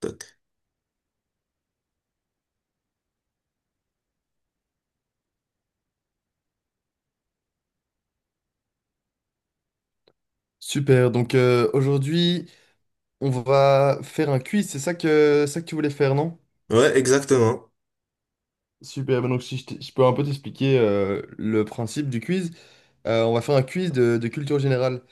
Toc. Super, donc aujourd'hui, on va faire un quiz, c'est ça que tu voulais faire, non? Ouais, exactement. Super, ben donc si je, t- je peux un peu t'expliquer le principe du quiz. On va faire un quiz de culture générale.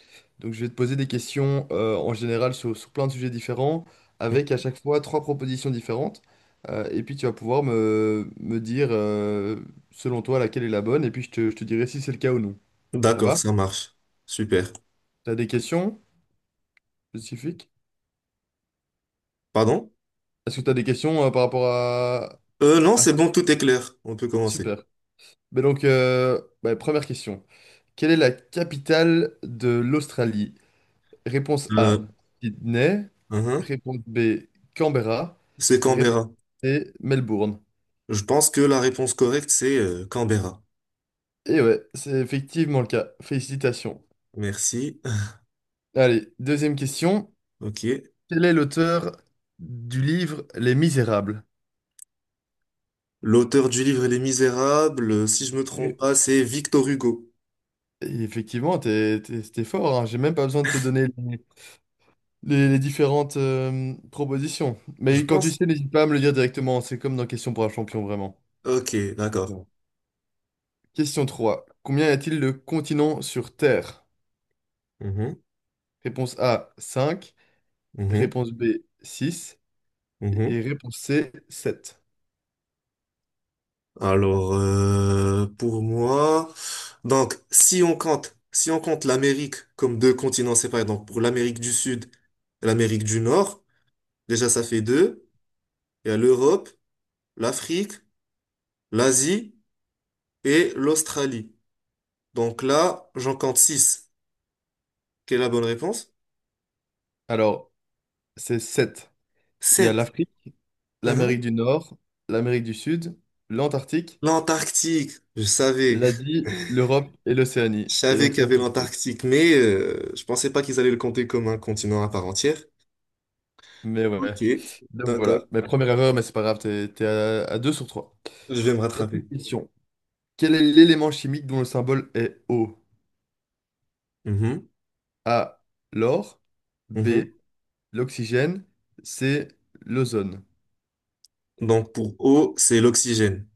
Donc je vais te poser des questions en général sur plein de sujets différents, avec à chaque fois trois propositions différentes. Et puis tu vas pouvoir me dire selon toi laquelle est la bonne, et puis je te dirai si c'est le cas ou non. Ça D'accord, va? ça marche. Super. T'as des questions spécifiques? Pardon? Est-ce que t'as des questions par rapport Non, à... c'est bon, tout est clair. On peut commencer. Super. Mais donc, ouais, première question. Quelle est la capitale de l'Australie? Réponse A, Euh, Sydney. Uhum. Réponse B, Canberra. C'est Et réponse Canberra. C, Melbourne. Je pense que la réponse correcte, c'est Canberra. Et ouais, c'est effectivement le cas. Félicitations. Merci. Allez, deuxième question. Ok. Quel est l'auteur du livre Les Misérables? L'auteur du livre Les Misérables, si je me trompe Et pas, c'est Victor Hugo. effectivement, t'es fort, hein. J'ai même pas besoin de te donner les différentes propositions. Je Mais quand tu pense. sais, n'hésite pas à me le dire directement. C'est comme dans Question pour un champion, vraiment. Ok, Ok. d'accord. Question 3. Combien y a-t-il de continents sur Terre? Mhm, Réponse A, 5. mhm, Réponse B, 6. Et mhm. réponse C, 7. Alors, pour moi, donc si on compte l'Amérique comme deux continents séparés, donc pour l'Amérique du Sud et l'Amérique du Nord, déjà ça fait deux. Il y a l'Europe, l'Afrique, l'Asie et l'Australie. Donc là, j'en compte six. Quelle est la bonne réponse? Alors, c'est 7. Il y a Sept. l'Afrique, l'Amérique Hein. du Nord, l'Amérique du Sud, l'Antarctique, L'Antarctique, je savais. l'Asie, l'Europe et Je l'Océanie. Et savais donc qu'il y ça avait fait 7. l'Antarctique, mais je pensais pas qu'ils allaient le compter comme un continent à part entière. Mais Ok, ouais. Donc d'accord, voilà. Mais première erreur, mais c'est pas grave, t'es à 2 sur 3. je vais me rattraper. Quatrième question. Quel est l'élément chimique dont le symbole est O? A. L'or. Mhm. B. L'oxygène. C. L'ozone. Donc pour O, c'est l'oxygène.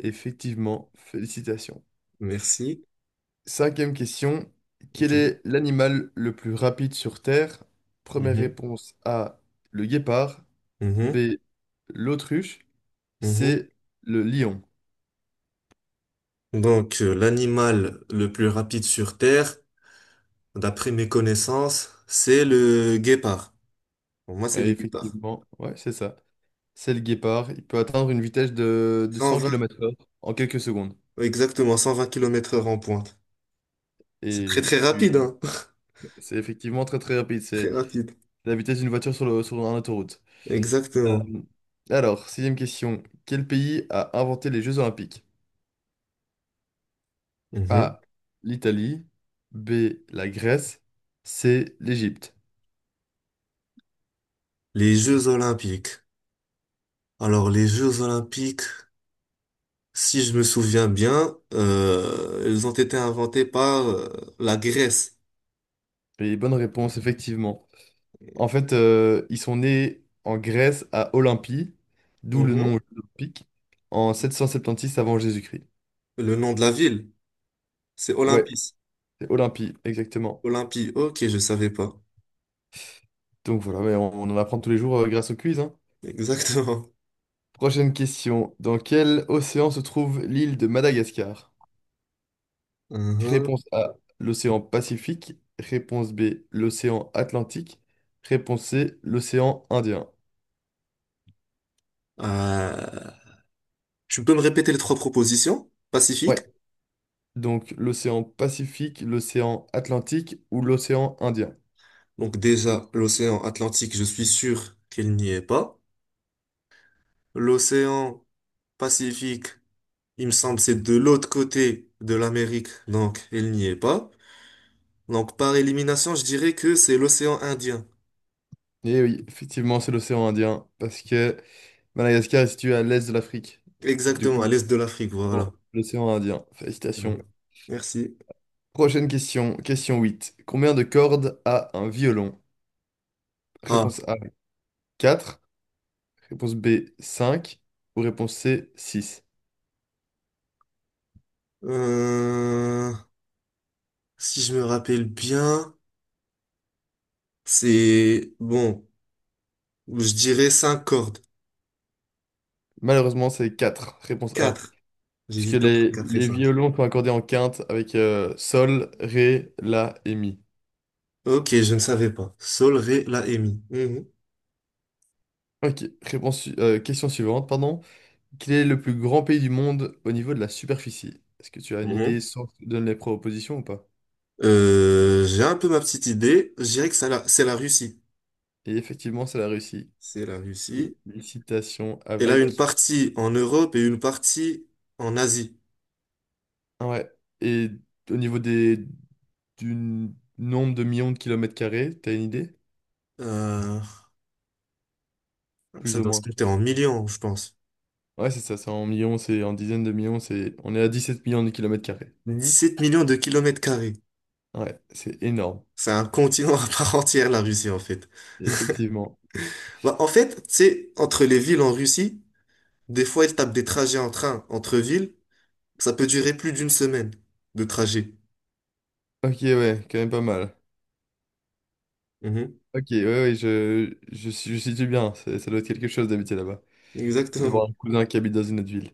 Effectivement, félicitations. Merci. Cinquième question. Quel Ok. est l'animal le plus rapide sur Terre? Première Mhm. réponse A. Le guépard. Mhm. B. L'autruche. Mhm. C. Le lion. Donc l'animal le plus rapide sur Terre, d'après mes connaissances, c'est le guépard. Pour moi, c'est Et le guépard. effectivement, ouais, c'est ça. C'est le guépard. Il peut atteindre une vitesse de 100 120, kilomètres heure en quelques secondes. exactement, 120 km heure en pointe. C'est très Et très tu, rapide, hein. C'est effectivement très très rapide. Très C'est rapide. la vitesse d'une voiture sur sur un autoroute. Exactement. Euh, alors, sixième question. Quel pays a inventé les Jeux Olympiques? Mhm. A. L'Italie. B. La Grèce. C. L'Égypte. Les Jeux Olympiques. Alors les Jeux Olympiques, si je me souviens bien, ils ont été inventés par la Grèce. Et bonne réponse, effectivement. En fait, ils sont nés en Grèce à Olympie, d'où le Mhm. nom olympique, en sept cent septante-six avant Jésus-Christ. Le nom de la ville, c'est Ouais, Olympis. c'est Olympie, exactement. Olympie, ok, je savais pas. Donc voilà, mais on en apprend tous les jours grâce au quiz, hein. Exactement. Prochaine question. Dans quel océan se trouve l'île de Madagascar? Mhm. Réponse A, l'océan Pacifique. Réponse B, l'océan Atlantique. Réponse C, l'océan Indien. Euh, Tu peux me répéter les trois propositions? Pacifique. Ouais, donc l'océan Pacifique, l'océan Atlantique ou l'océan Indien. Donc déjà, l'océan Atlantique, je suis sûr qu'il n'y est pas. L'océan Pacifique, il me semble, c'est de l'autre côté de l'Amérique, donc il n'y est pas. Donc par élimination, je dirais que c'est l'océan Indien. Et oui, effectivement, c'est l'océan Indien parce que Madagascar est situé à l'est de l'Afrique. Du Exactement, coup, à l'est de l'Afrique, voilà. bon, l'océan Indien. Félicitations. Mhm. Merci. Prochaine question, question 8. Combien de cordes a un violon? Ah. Réponse A, 4. Réponse B, cinq. Ou réponse C, 6. Euh, Si je me rappelle bien, c'est bon, je dirais 5 cordes. Malheureusement, c'est quatre. Réponse A. Quatre. Puisque J'hésite entre quatre et les 5. violons sont accordés en quinte avec sol, ré, la et mi. Ok, je ne savais pas. Sol, ré, la et mi. Mhm. Ok, question suivante, pardon. Quel est le plus grand pays du monde au niveau de la superficie? Est-ce que tu as une idée Mhm. sans que je te donne les propositions ou pas? J'ai un peu ma petite idée. Je dirais que c'est la Russie. Et effectivement, c'est la Russie. C'est la Russie. Félicitations Elle a une avec... partie en Europe et une partie en Asie. Ah ouais. Et au niveau des, du nombre de millions de kilomètres carrés, t'as une idée? Euh, Ça Plus ou doit se moins. compter en millions, je pense. Ouais, c'est ça, c'est en millions, c'est en dizaines de millions, c'est... On est à 17 millions de kilomètres carrés. 17 millions de kilomètres carrés. Ouais, c'est énorme, C'est un continent à part entière, la Russie, en fait. effectivement. Bah, en fait, c'est entre les villes en Russie. Des fois, ils tapent des trajets en train entre villes. Ça peut durer plus d'une semaine de trajet. Ok, ouais, quand même pas mal. Mhm. Ok, ouais, ouais, je situe bien, c'est- ça doit être quelque chose d'habiter là-bas, Exactement. d'avoir un cousin qui habite dans une autre ville.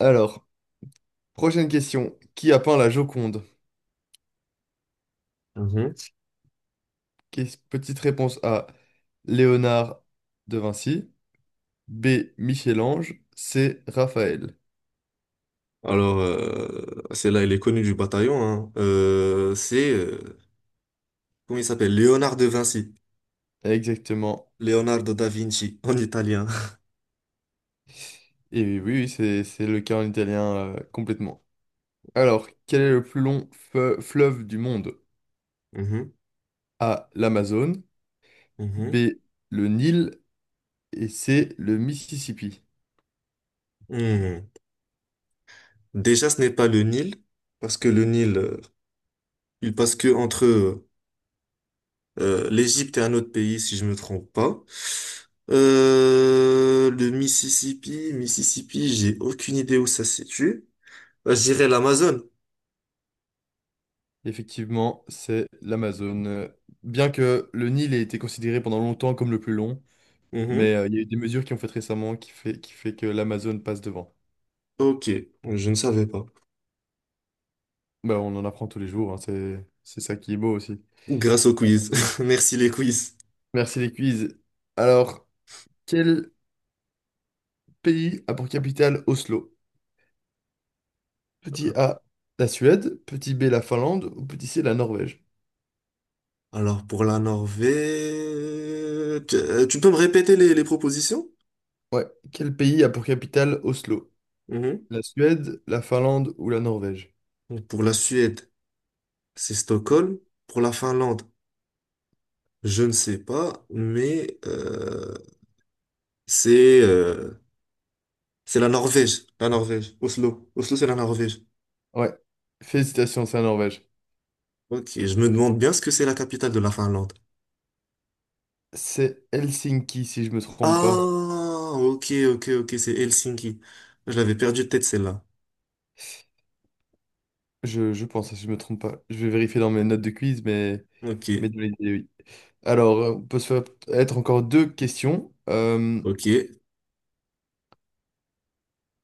Alors, prochaine question, qui a peint la Joconde? Mhm. Qu'est- Petite réponse A, Léonard de Vinci, B, Michel-Ange, C, Raphaël. Alors, celle-là, elle est connue du bataillon, hein. Comment il s'appelle? Léonard de Vinci. Exactement. Leonardo da Vinci, en italien. Et oui, oui, c'est le cas en italien complètement. Alors, quel est le plus long fleuve du monde? Mhm. A. L'Amazone. B. Mhm. Le Nil. Et C. Le Mississippi. Mhm. Déjà, ce n'est pas le Nil, parce que le Nil, il passe que entre l'Égypte est un autre pays, si je me trompe pas. Le Mississippi, j'ai aucune idée où ça se situe. Je dirais l'Amazone. Effectivement, c'est l'Amazone. Bien que le Nil ait été considéré pendant longtemps comme le plus long, mais Mhm. Il y a eu des mesures qui ont fait récemment qui fait que l'Amazone passe devant. Ok, je ne savais pas. Bah, on en apprend tous les jours, hein, c'est ça qui est beau aussi. Grâce au quiz. Merci les quiz. Merci les quiz. Alors, quel pays a pour capitale Oslo? Petit A, la Suède, petit B, la Finlande ou petit C, la Norvège? Alors pour la Norvège, tu peux me répéter les propositions? Ouais, quel pays a pour capitale Oslo? Mhm. La Suède, la Finlande ou la Norvège? Donc, pour la Suède, c'est Stockholm. Pour la Finlande, je ne sais pas, mais c'est c'est la Norvège, la Norvège. Oslo. Oslo, c'est la Norvège. Ouais, félicitations, c'est la Norvège. Ok, je me demande bien ce que c'est la capitale de la Finlande. C'est Helsinki, si je me trompe Ah, pas. ok, ok, ok, c'est Helsinki. Je l'avais perdu de tête, celle-là. Je pense, si je me trompe pas. Je vais vérifier dans mes notes de quiz, Ok, mais dans l'idée, oui. Alors, on peut se faire être encore deux questions. Ok.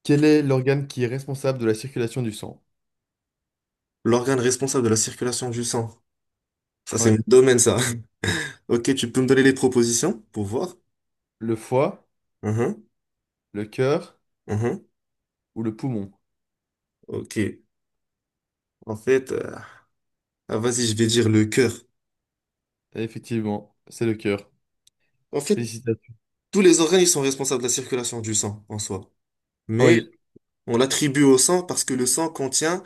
Quel est l'organe qui est responsable de la circulation du sang? L'organe responsable de la circulation du sang. Ça, c'est Ouais. mon domaine, ça. Ok, tu peux me donner les propositions pour voir? Le foie, Mhm, le cœur mhm. ou le poumon. Ok. En fait, ah, vas-y, je vais dire le cœur. Effectivement, c'est le cœur. En fait, Félicitations. tous les organes, ils sont responsables de la circulation du sang en soi. Mais Oui, on l'attribue au sang parce que le sang contient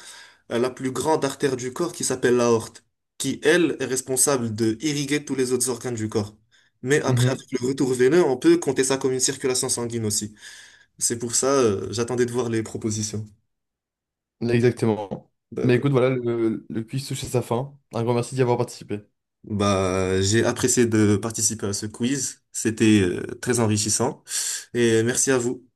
la plus grande artère du corps qui s'appelle l'aorte, qui, elle, est responsable de irriguer tous les autres organes du corps. Mais après, Mhm. avec le retour veineux, on peut compter ça comme une circulation sanguine aussi. C'est pour ça, j'attendais de voir les propositions. Exactement. Mais D'accord. écoute, voilà, le quiz touche à sa fin. Un grand merci d'y avoir participé. Bah, j'ai apprécié de participer à ce quiz. C'était, très enrichissant. Et merci à vous.